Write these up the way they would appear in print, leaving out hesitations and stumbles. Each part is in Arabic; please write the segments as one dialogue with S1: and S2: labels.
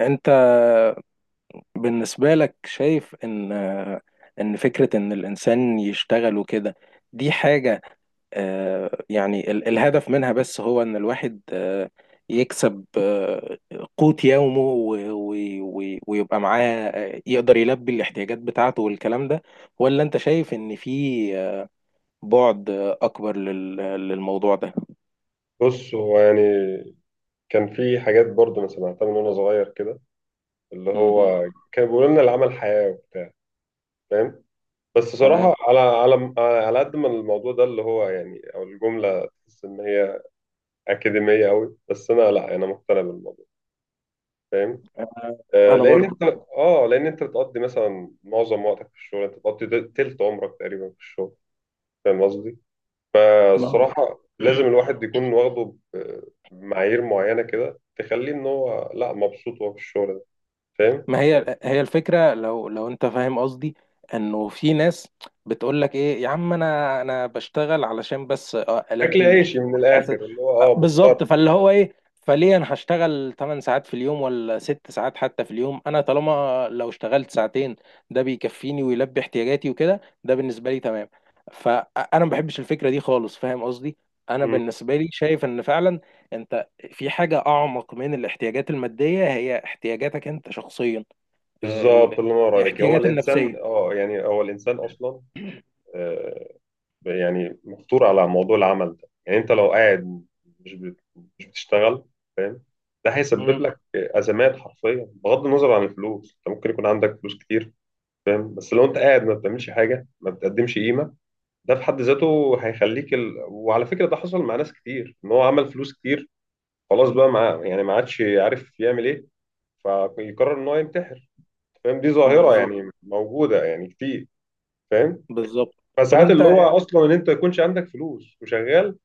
S1: انت بالنسبة لك شايف ان فكرة ان الانسان يشتغل وكده دي حاجة الهدف منها بس هو ان الواحد يكسب قوت يومه ويبقى معاه يقدر يلبي الاحتياجات بتاعته والكلام ده، ولا انت شايف ان في آه، بعد اكبر للموضوع ده؟
S2: بص هو يعني كان في حاجات برضه انا سمعتها من وانا صغير كده اللي
S1: مهم.
S2: هو كان بيقولوا لنا العمل حياة وبتاع. فاهم؟ بس
S1: تمام.
S2: صراحة على قد ما الموضوع ده اللي هو يعني او الجملة تحس ان هي اكاديمية قوي، بس انا لا، انا مقتنع بالموضوع. فاهم؟
S1: آه، انا
S2: لان
S1: برضو.
S2: انت، اه لان انت بتقضي مثلا معظم وقتك في الشغل، انت بتقضي تلت عمرك تقريبا في الشغل. فاهم قصدي؟
S1: ما هو
S2: فالصراحة لازم الواحد يكون بمعايير معينة كده تخليه إن هو لأ، مبسوط وهو في الشغل ده. فاهم؟
S1: ما هي الفكرة، لو انت فاهم قصدي، انه في ناس بتقول لك ايه يا عم، انا بشتغل علشان بس اه
S2: أكل
S1: البي
S2: عيشي
S1: الاحتياج
S2: من الآخر،
S1: الأساسي.
S2: اللي هو
S1: اه
S2: أه
S1: بالظبط،
S2: مضطر.
S1: فاللي هو ايه، فليه انا هشتغل 8 ساعات في اليوم ولا 6 ساعات حتى في اليوم، انا طالما لو اشتغلت ساعتين ده بيكفيني ويلبي احتياجاتي وكده، ده بالنسبة لي تمام. فانا ما بحبش الفكرة دي خالص، فاهم قصدي. انا
S2: مم.
S1: بالنسبة لي شايف ان فعلا انت في حاجة أعمق من الاحتياجات المادية، هي احتياجاتك أنت شخصيا. آه،
S2: بالظبط،
S1: ال-
S2: اللي نور عليك، هو
S1: الاحتياجات
S2: الإنسان
S1: النفسية.
S2: أه يعني هو الإنسان أصلا آه، يعني مفطور على موضوع العمل ده. يعني أنت لو قاعد مش بت- مش بتشتغل، فاهم؟ ده هيسبب
S1: مم.
S2: لك أزمات حرفيا بغض النظر عن الفلوس. أنت ممكن يكون عندك فلوس كتير، فاهم؟ بس لو أنت قاعد ما بتعملش حاجة، ما بتقدمش قيمة، ده في حد ذاته هيخليك ال... وعلى فكرة ده حصل مع ناس كتير، ان هو عمل فلوس كتير، خلاص بقى مع... يعني ما عادش عارف يعمل ايه، فيقرر ان هو ينتحر. فاهم؟ دي ظاهرة
S1: بالظبط.
S2: يعني موجودة يعني كتير. فاهم؟
S1: بالظبط. طب
S2: فساعات اللي هو
S1: أنت
S2: اصلا ان انت ما يكونش عندك فلوس وشغال،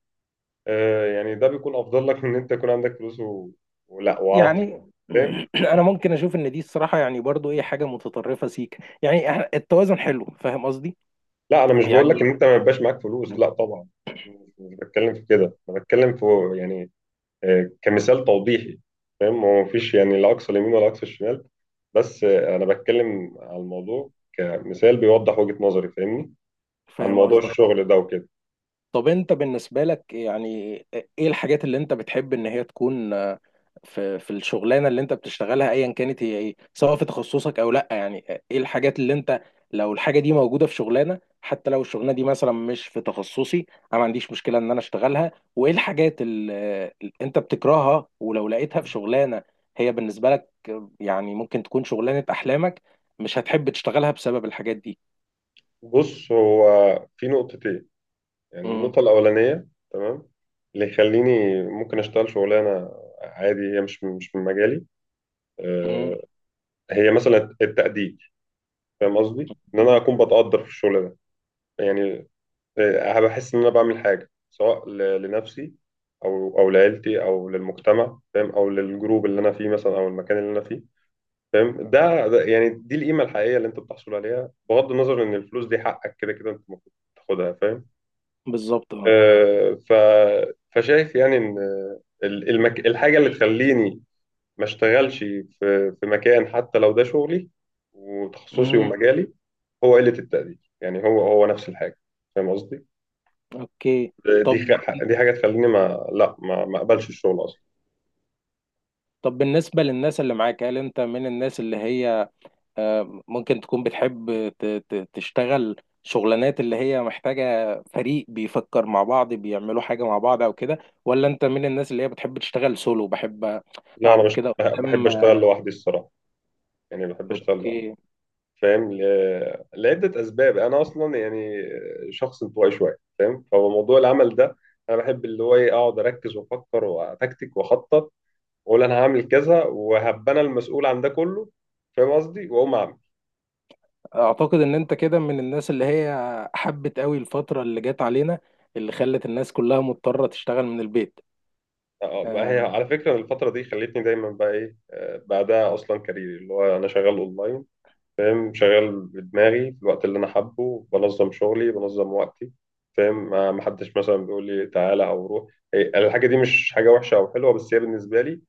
S2: يعني ده بيكون افضل لك من ان انت يكون عندك فلوس و... ولا وعاطل.
S1: يعني
S2: فاهم؟
S1: أنا ممكن أشوف إن دي الصراحة يعني برضو إيه حاجة متطرفة سيك، يعني التوازن حلو، فاهم قصدي؟
S2: لا انا مش بقول لك ان
S1: يعني
S2: انت ما يبقاش معاك فلوس، لا طبعا، مش بتكلم في كده. انا بتكلم في يعني كمثال توضيحي. فاهم؟ هو مفيش يعني لا اقصى اليمين ولا اقصى الشمال، بس انا بتكلم على الموضوع كمثال بيوضح وجهة نظري، فاهمني؟ عن
S1: فاهم
S2: موضوع
S1: قصدك.
S2: الشغل ده وكده.
S1: طب انت بالنسبة لك يعني ايه الحاجات اللي انت بتحب ان هي تكون في الشغلانة اللي انت بتشتغلها ايا كانت هي ايه، سواء في تخصصك او لا، يعني ايه الحاجات اللي انت، لو الحاجة دي موجودة في شغلانة حتى لو الشغلانة دي مثلا مش في تخصصي انا ما عنديش مشكلة ان انا اشتغلها، وايه الحاجات اللي اللي انت بتكرهها ولو لقيتها في شغلانة هي بالنسبة لك، يعني ممكن تكون شغلانة احلامك مش هتحب تشتغلها بسبب الحاجات دي.
S2: بص، هو في نقطتين، يعني
S1: امم.
S2: النقطة الأولانية، تمام، اللي يخليني ممكن أشتغل شغلانة عادي هي مش من مجالي،
S1: امم.
S2: آه، هي مثلا التقدير. فاهم قصدي؟ إن أنا أكون بتقدر في الشغل ده يعني، بحس ان انا بعمل حاجه سواء لنفسي او لعيلتي او للمجتمع، فاهم، او للجروب اللي انا فيه مثلا او المكان اللي انا فيه. فاهم؟ ده يعني دي القيمه الحقيقيه اللي انت بتحصل عليها، بغض النظر ان الفلوس دي حقك كده كده انت المفروض تاخدها. فاهم؟
S1: بالظبط اه.
S2: آه، ف فشايف يعني ان المك... الحاجه اللي تخليني ما اشتغلش في في مكان حتى لو ده شغلي وتخصصي ومجالي، هو قله التقدير. يعني هو هو نفس الحاجه. فاهم قصدي؟
S1: اوكي. طب
S2: دي حاجه تخليني ما اقبلش الشغل اصلا.
S1: طب بالنسبة للناس اللي معاك، هل انت من الناس اللي هي ممكن تكون بتحب تشتغل شغلانات اللي هي محتاجة فريق بيفكر مع بعض بيعملوا حاجة مع بعض او كده، ولا انت من الناس اللي هي بتحب تشتغل سولو؟ بحب
S2: لا انا
S1: اقعد
S2: مش
S1: كده
S2: بحب
S1: قدام.
S2: اشتغل لوحدي الصراحه، يعني بحب اشتغل لوحدي.
S1: اوكي.
S2: فاهم؟ لعده اسباب، انا اصلا يعني شخص انطوائي شويه. فاهم؟ فموضوع العمل ده انا بحب اللي هو ايه، اقعد اركز وافكر واتكتك واخطط واقول انا هعمل كذا وهبقى انا المسؤول عن ده كله. فاهم قصدي؟ واقوم اعمل.
S1: اعتقد ان انت كده من الناس اللي هي حبت قوي الفترة اللي جت علينا، اللي خلت الناس كلها مضطرة تشتغل من البيت.
S2: ما
S1: آه،
S2: هي على فكره الفتره دي خلتني دايما بقى ايه بعدها اصلا كاريري اللي هو انا شغال اونلاين. فاهم؟ شغال بدماغي في الوقت اللي انا حابه، بنظم شغلي بنظم وقتي. فاهم؟ ما حدش مثلا بيقول لي تعالى او روح. هي الحاجه دي مش حاجه وحشه او حلوه، بس هي بالنسبه لي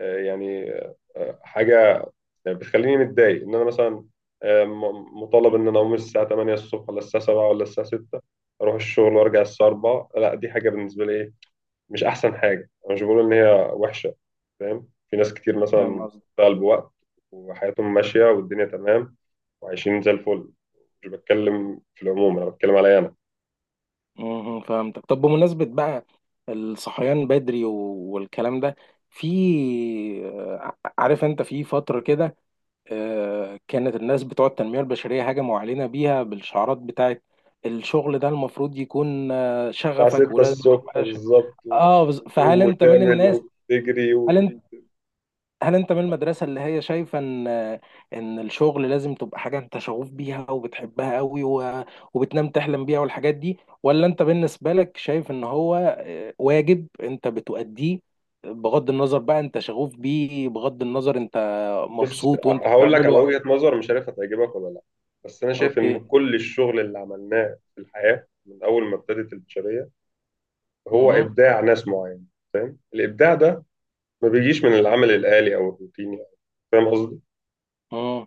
S2: آه، يعني حاجه بتخليني متضايق، ان انا مثلا مطالب ان انا اقوم الساعه 8 الصبح ولا الساعه 7 ولا الساعه 6 اروح الشغل وارجع الساعه 4. لا دي حاجه بالنسبه لي ايه، مش احسن حاجه. انا مش بقول ان هي وحشه، فاهم؟ في ناس كتير
S1: فاهم.
S2: مثلا بتشتغل بوقت وحياتهم ماشيه والدنيا تمام وعايشين زي الفل. مش بتكلم في العموم، انا بتكلم عليا انا.
S1: مهم. فهمتك. طب بمناسبة بقى الصحيان بدري والكلام ده، في عارف انت في فترة كده كانت الناس بتوع التنمية البشرية هجموا علينا بيها بالشعارات بتاعت الشغل ده، المفروض يكون
S2: الساعه
S1: شغفك
S2: 6
S1: ولازم
S2: الصبح
S1: تبقى ش...
S2: بالظبط
S1: اه فهل
S2: وتقوم
S1: انت من
S2: وتعمل
S1: الناس،
S2: وتجري
S1: هل انت هل انت من المدرسة اللي هي شايفة ان ان الشغل لازم تبقى حاجة انت شغوف بيها وبتحبها قوي و... وبتنام تحلم بيها والحاجات دي، ولا انت بالنسبة لك شايف ان هو واجب انت بتؤديه بغض النظر بقى انت شغوف بيه، بغض النظر انت
S2: بص،
S1: مبسوط وانت
S2: هقول لك على
S1: بتعمله؟
S2: وجهة نظر مش عارف هتعجبك ولا لا، بس انا شايف
S1: اوكي.
S2: ان كل الشغل اللي عملناه في الحياة من اول ما ابتدت البشرية هو
S1: مهم.
S2: ابداع ناس معينة. فاهم؟ الابداع ده ما بيجيش من العمل الآلي او الروتيني. فاهم قصدي؟
S1: مم.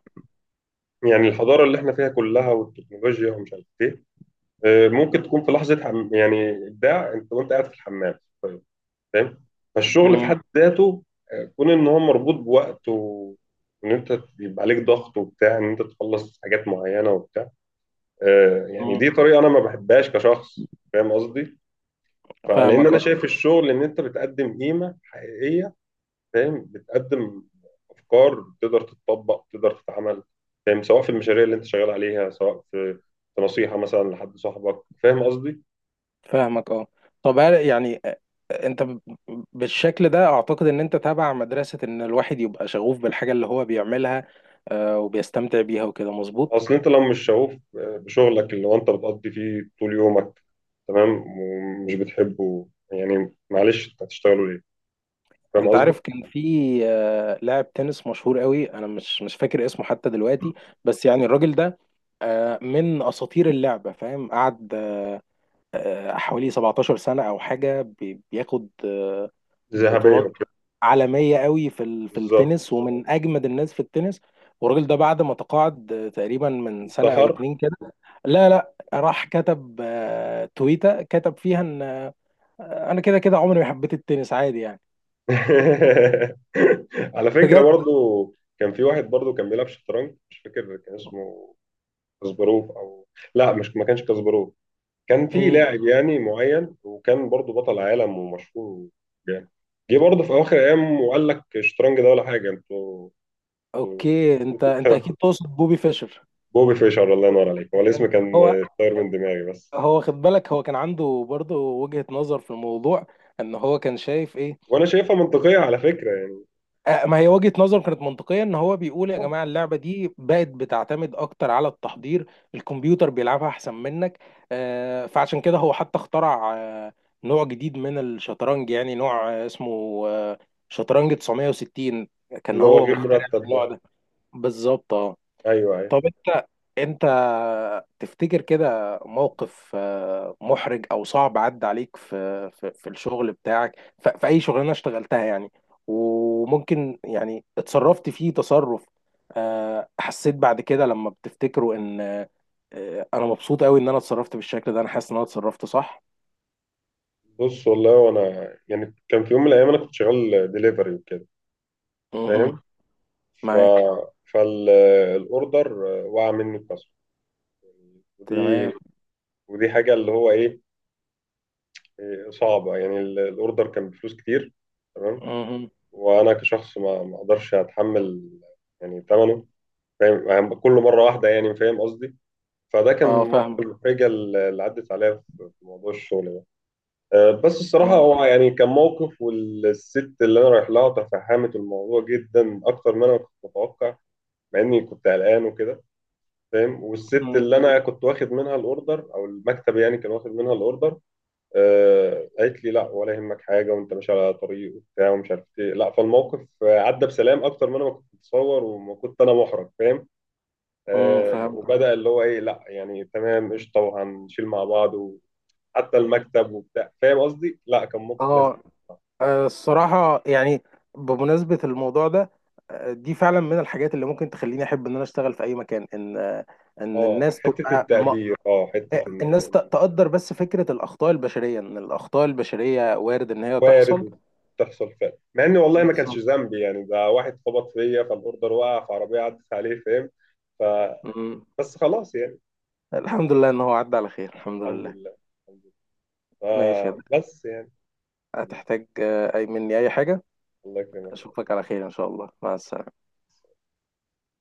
S2: يعني الحضارة اللي احنا فيها كلها والتكنولوجيا ومش عارف ايه، ممكن تكون في لحظة حم... يعني ابداع انت وانت قاعد في الحمام. طيب. فاهم؟ فالشغل في
S1: مم.
S2: حد ذاته، كون ان هو مربوط بوقت وان انت بيبقى عليك ضغط وبتاع، ان انت تخلص حاجات معينه وبتاع، يعني دي
S1: مم.
S2: طريقه انا ما بحبهاش كشخص. فاهم قصدي؟ فلان
S1: فاهمك
S2: انا
S1: اه.
S2: شايف الشغل ان انت بتقدم قيمه حقيقيه، فاهم، بتقدم افكار تقدر تتطبق تقدر تتعمل. فاهم؟ سواء في المشاريع اللي انت شغال عليها، سواء في في نصيحه مثلا لحد صاحبك. فاهم قصدي؟
S1: فاهمك اه. طب هل- يعني انت بالشكل ده اعتقد ان انت تابع مدرسة ان الواحد يبقى شغوف بالحاجة اللي هو بيعملها وبيستمتع بيها وكده، مظبوط؟
S2: اصل انت لو مش شغوف بشغلك اللي هو انت بتقضي فيه طول يومك، تمام، ومش بتحبه، يعني معلش انت هتشتغله ليه؟ فاهم
S1: انت
S2: قصدي؟
S1: عارف كان في لاعب تنس مشهور قوي، انا مش فاكر اسمه حتى دلوقتي، بس يعني الراجل ده من اساطير اللعبه، فاهم، قعد حوالي 17 سنه او حاجه بياخد
S2: ذهبية
S1: بطولات
S2: وكده.
S1: عالميه قوي في في
S2: بالظبط.
S1: التنس، ومن اجمد الناس في التنس. والراجل ده بعد ما تقاعد تقريبا من
S2: انت
S1: سنه او
S2: حر.
S1: اتنين كده، لا راح كتب تويته، كتب فيها ان انا كده كده عمري ما حبيت التنس، عادي يعني.
S2: على فكرة
S1: بجد.
S2: برضو كان في واحد برضو كان بيلعب شطرنج، مش فاكر كان اسمه كاسباروف او، لا مش ما كانش كاسباروف، كان في
S1: مم.
S2: لاعب يعني معين وكان برضو بطل عالم ومشهور. يعني جه برضه في اواخر ايام وقال لك الشطرنج ده ولا حاجه، انتوا
S1: اوكي،
S2: انتوا
S1: انت
S2: بتحب.
S1: اكيد تقصد بوبي فيشر.
S2: بوبي فيشر، الله ينور عليك، هو الاسم
S1: يعني
S2: كان
S1: هو،
S2: طاير من دماغي بس.
S1: هو خد بالك هو كان عنده برضه وجهة نظر في الموضوع، ان هو كان شايف ايه.
S2: وانا شايفها منطقيه على فكره يعني.
S1: آه ما هي وجهة نظر كانت منطقية، ان هو بيقول يا
S2: آه،
S1: جماعة اللعبة دي بقت بتعتمد اكتر على التحضير، الكمبيوتر بيلعبها احسن منك. آه فعشان كده هو حتى اخترع آه نوع جديد من الشطرنج، يعني نوع آه اسمه آه شطرنج 960. كان
S2: اللي هو
S1: هو
S2: غير
S1: مخترع
S2: مرتب
S1: النوع
S2: ده.
S1: ده. بالظبط آه.
S2: ايوه ايوه.
S1: طب انت تفتكر كده موقف محرج او صعب عدى عليك في الشغل بتاعك في اي شغلانه اشتغلتها، يعني وممكن يعني اتصرفت فيه تصرف حسيت بعد كده لما بتفتكره ان انا مبسوط قوي ان انا اتصرفت بالشكل ده، انا حاسس ان انا اتصرفت صح؟
S2: بص والله، وانا يعني كان في يوم من الايام انا كنت شغال ديليفري وكده.
S1: مهم.
S2: فاهم؟ ف
S1: معاك.
S2: فالاوردر وقع مني الكسر، ودي
S1: تمام.
S2: ودي حاجه اللي هو ايه، صعبه. يعني الاوردر كان بفلوس كتير، تمام،
S1: مهم.
S2: وانا كشخص ما اقدرش اتحمل يعني ثمنه. فاهم؟ يعني كل مره واحده يعني. فاهم قصدي؟ فده كان من
S1: اه
S2: المواقف
S1: فاهم.
S2: المحرجة اللي عدت عليا في في موضوع الشغل ده. بس الصراحة
S1: اه.
S2: هو يعني كان موقف، والست اللي أنا رايح لها تفهمت الموضوع جدا أكتر ما أنا كنت متوقع، مع إني كنت قلقان وكده. فاهم؟ والست
S1: مم.
S2: اللي أنا كنت واخد منها الأوردر، أو المكتب يعني كان واخد منها الأوردر، قالت لي لا ولا يهمك حاجة، وأنت ماشي على طريق وبتاع ومش عارف إيه، لا فالموقف عدى بسلام أكتر ما أنا ما كنت متصور وما كنت أنا محرج. فاهم؟
S1: مم. فهمت.
S2: وبدأ اللي هو ايه، لا يعني تمام قشطه وهنشيل مع بعض وحتى المكتب وبتاع. فاهم قصدي؟ لا كان موقف لذيذ.
S1: اه. الصراحة يعني بمناسبة الموضوع ده، دي فعلا من الحاجات اللي ممكن تخليني أحب إن أنا أشتغل في أي مكان، إن إن
S2: اه
S1: الناس
S2: حته
S1: تبقى م...
S2: التقدير، اه حته ان
S1: الناس تقدر، بس فكرة الأخطاء البشرية إن الأخطاء البشرية وارد إن هي تحصل.
S2: وارد، وبتحصل فعلا. مع ان والله ما كانش
S1: بالظبط.
S2: ذنبي، يعني ده واحد خبط فيا فالاوردر وقع، فعربيه عدت عليه. فاهم؟ ف
S1: مم.
S2: بس خلاص يعني.
S1: الحمد لله إن هو عدى على خير، الحمد
S2: الحمد
S1: لله.
S2: لله. الحمد لله.
S1: ماشي يا
S2: آه
S1: ده،
S2: بس يعني حبيبي،
S1: هتحتاج أي مني أي حاجة؟
S2: الله يكرمك.
S1: أشوفك على خير إن شاء الله، مع السلامة.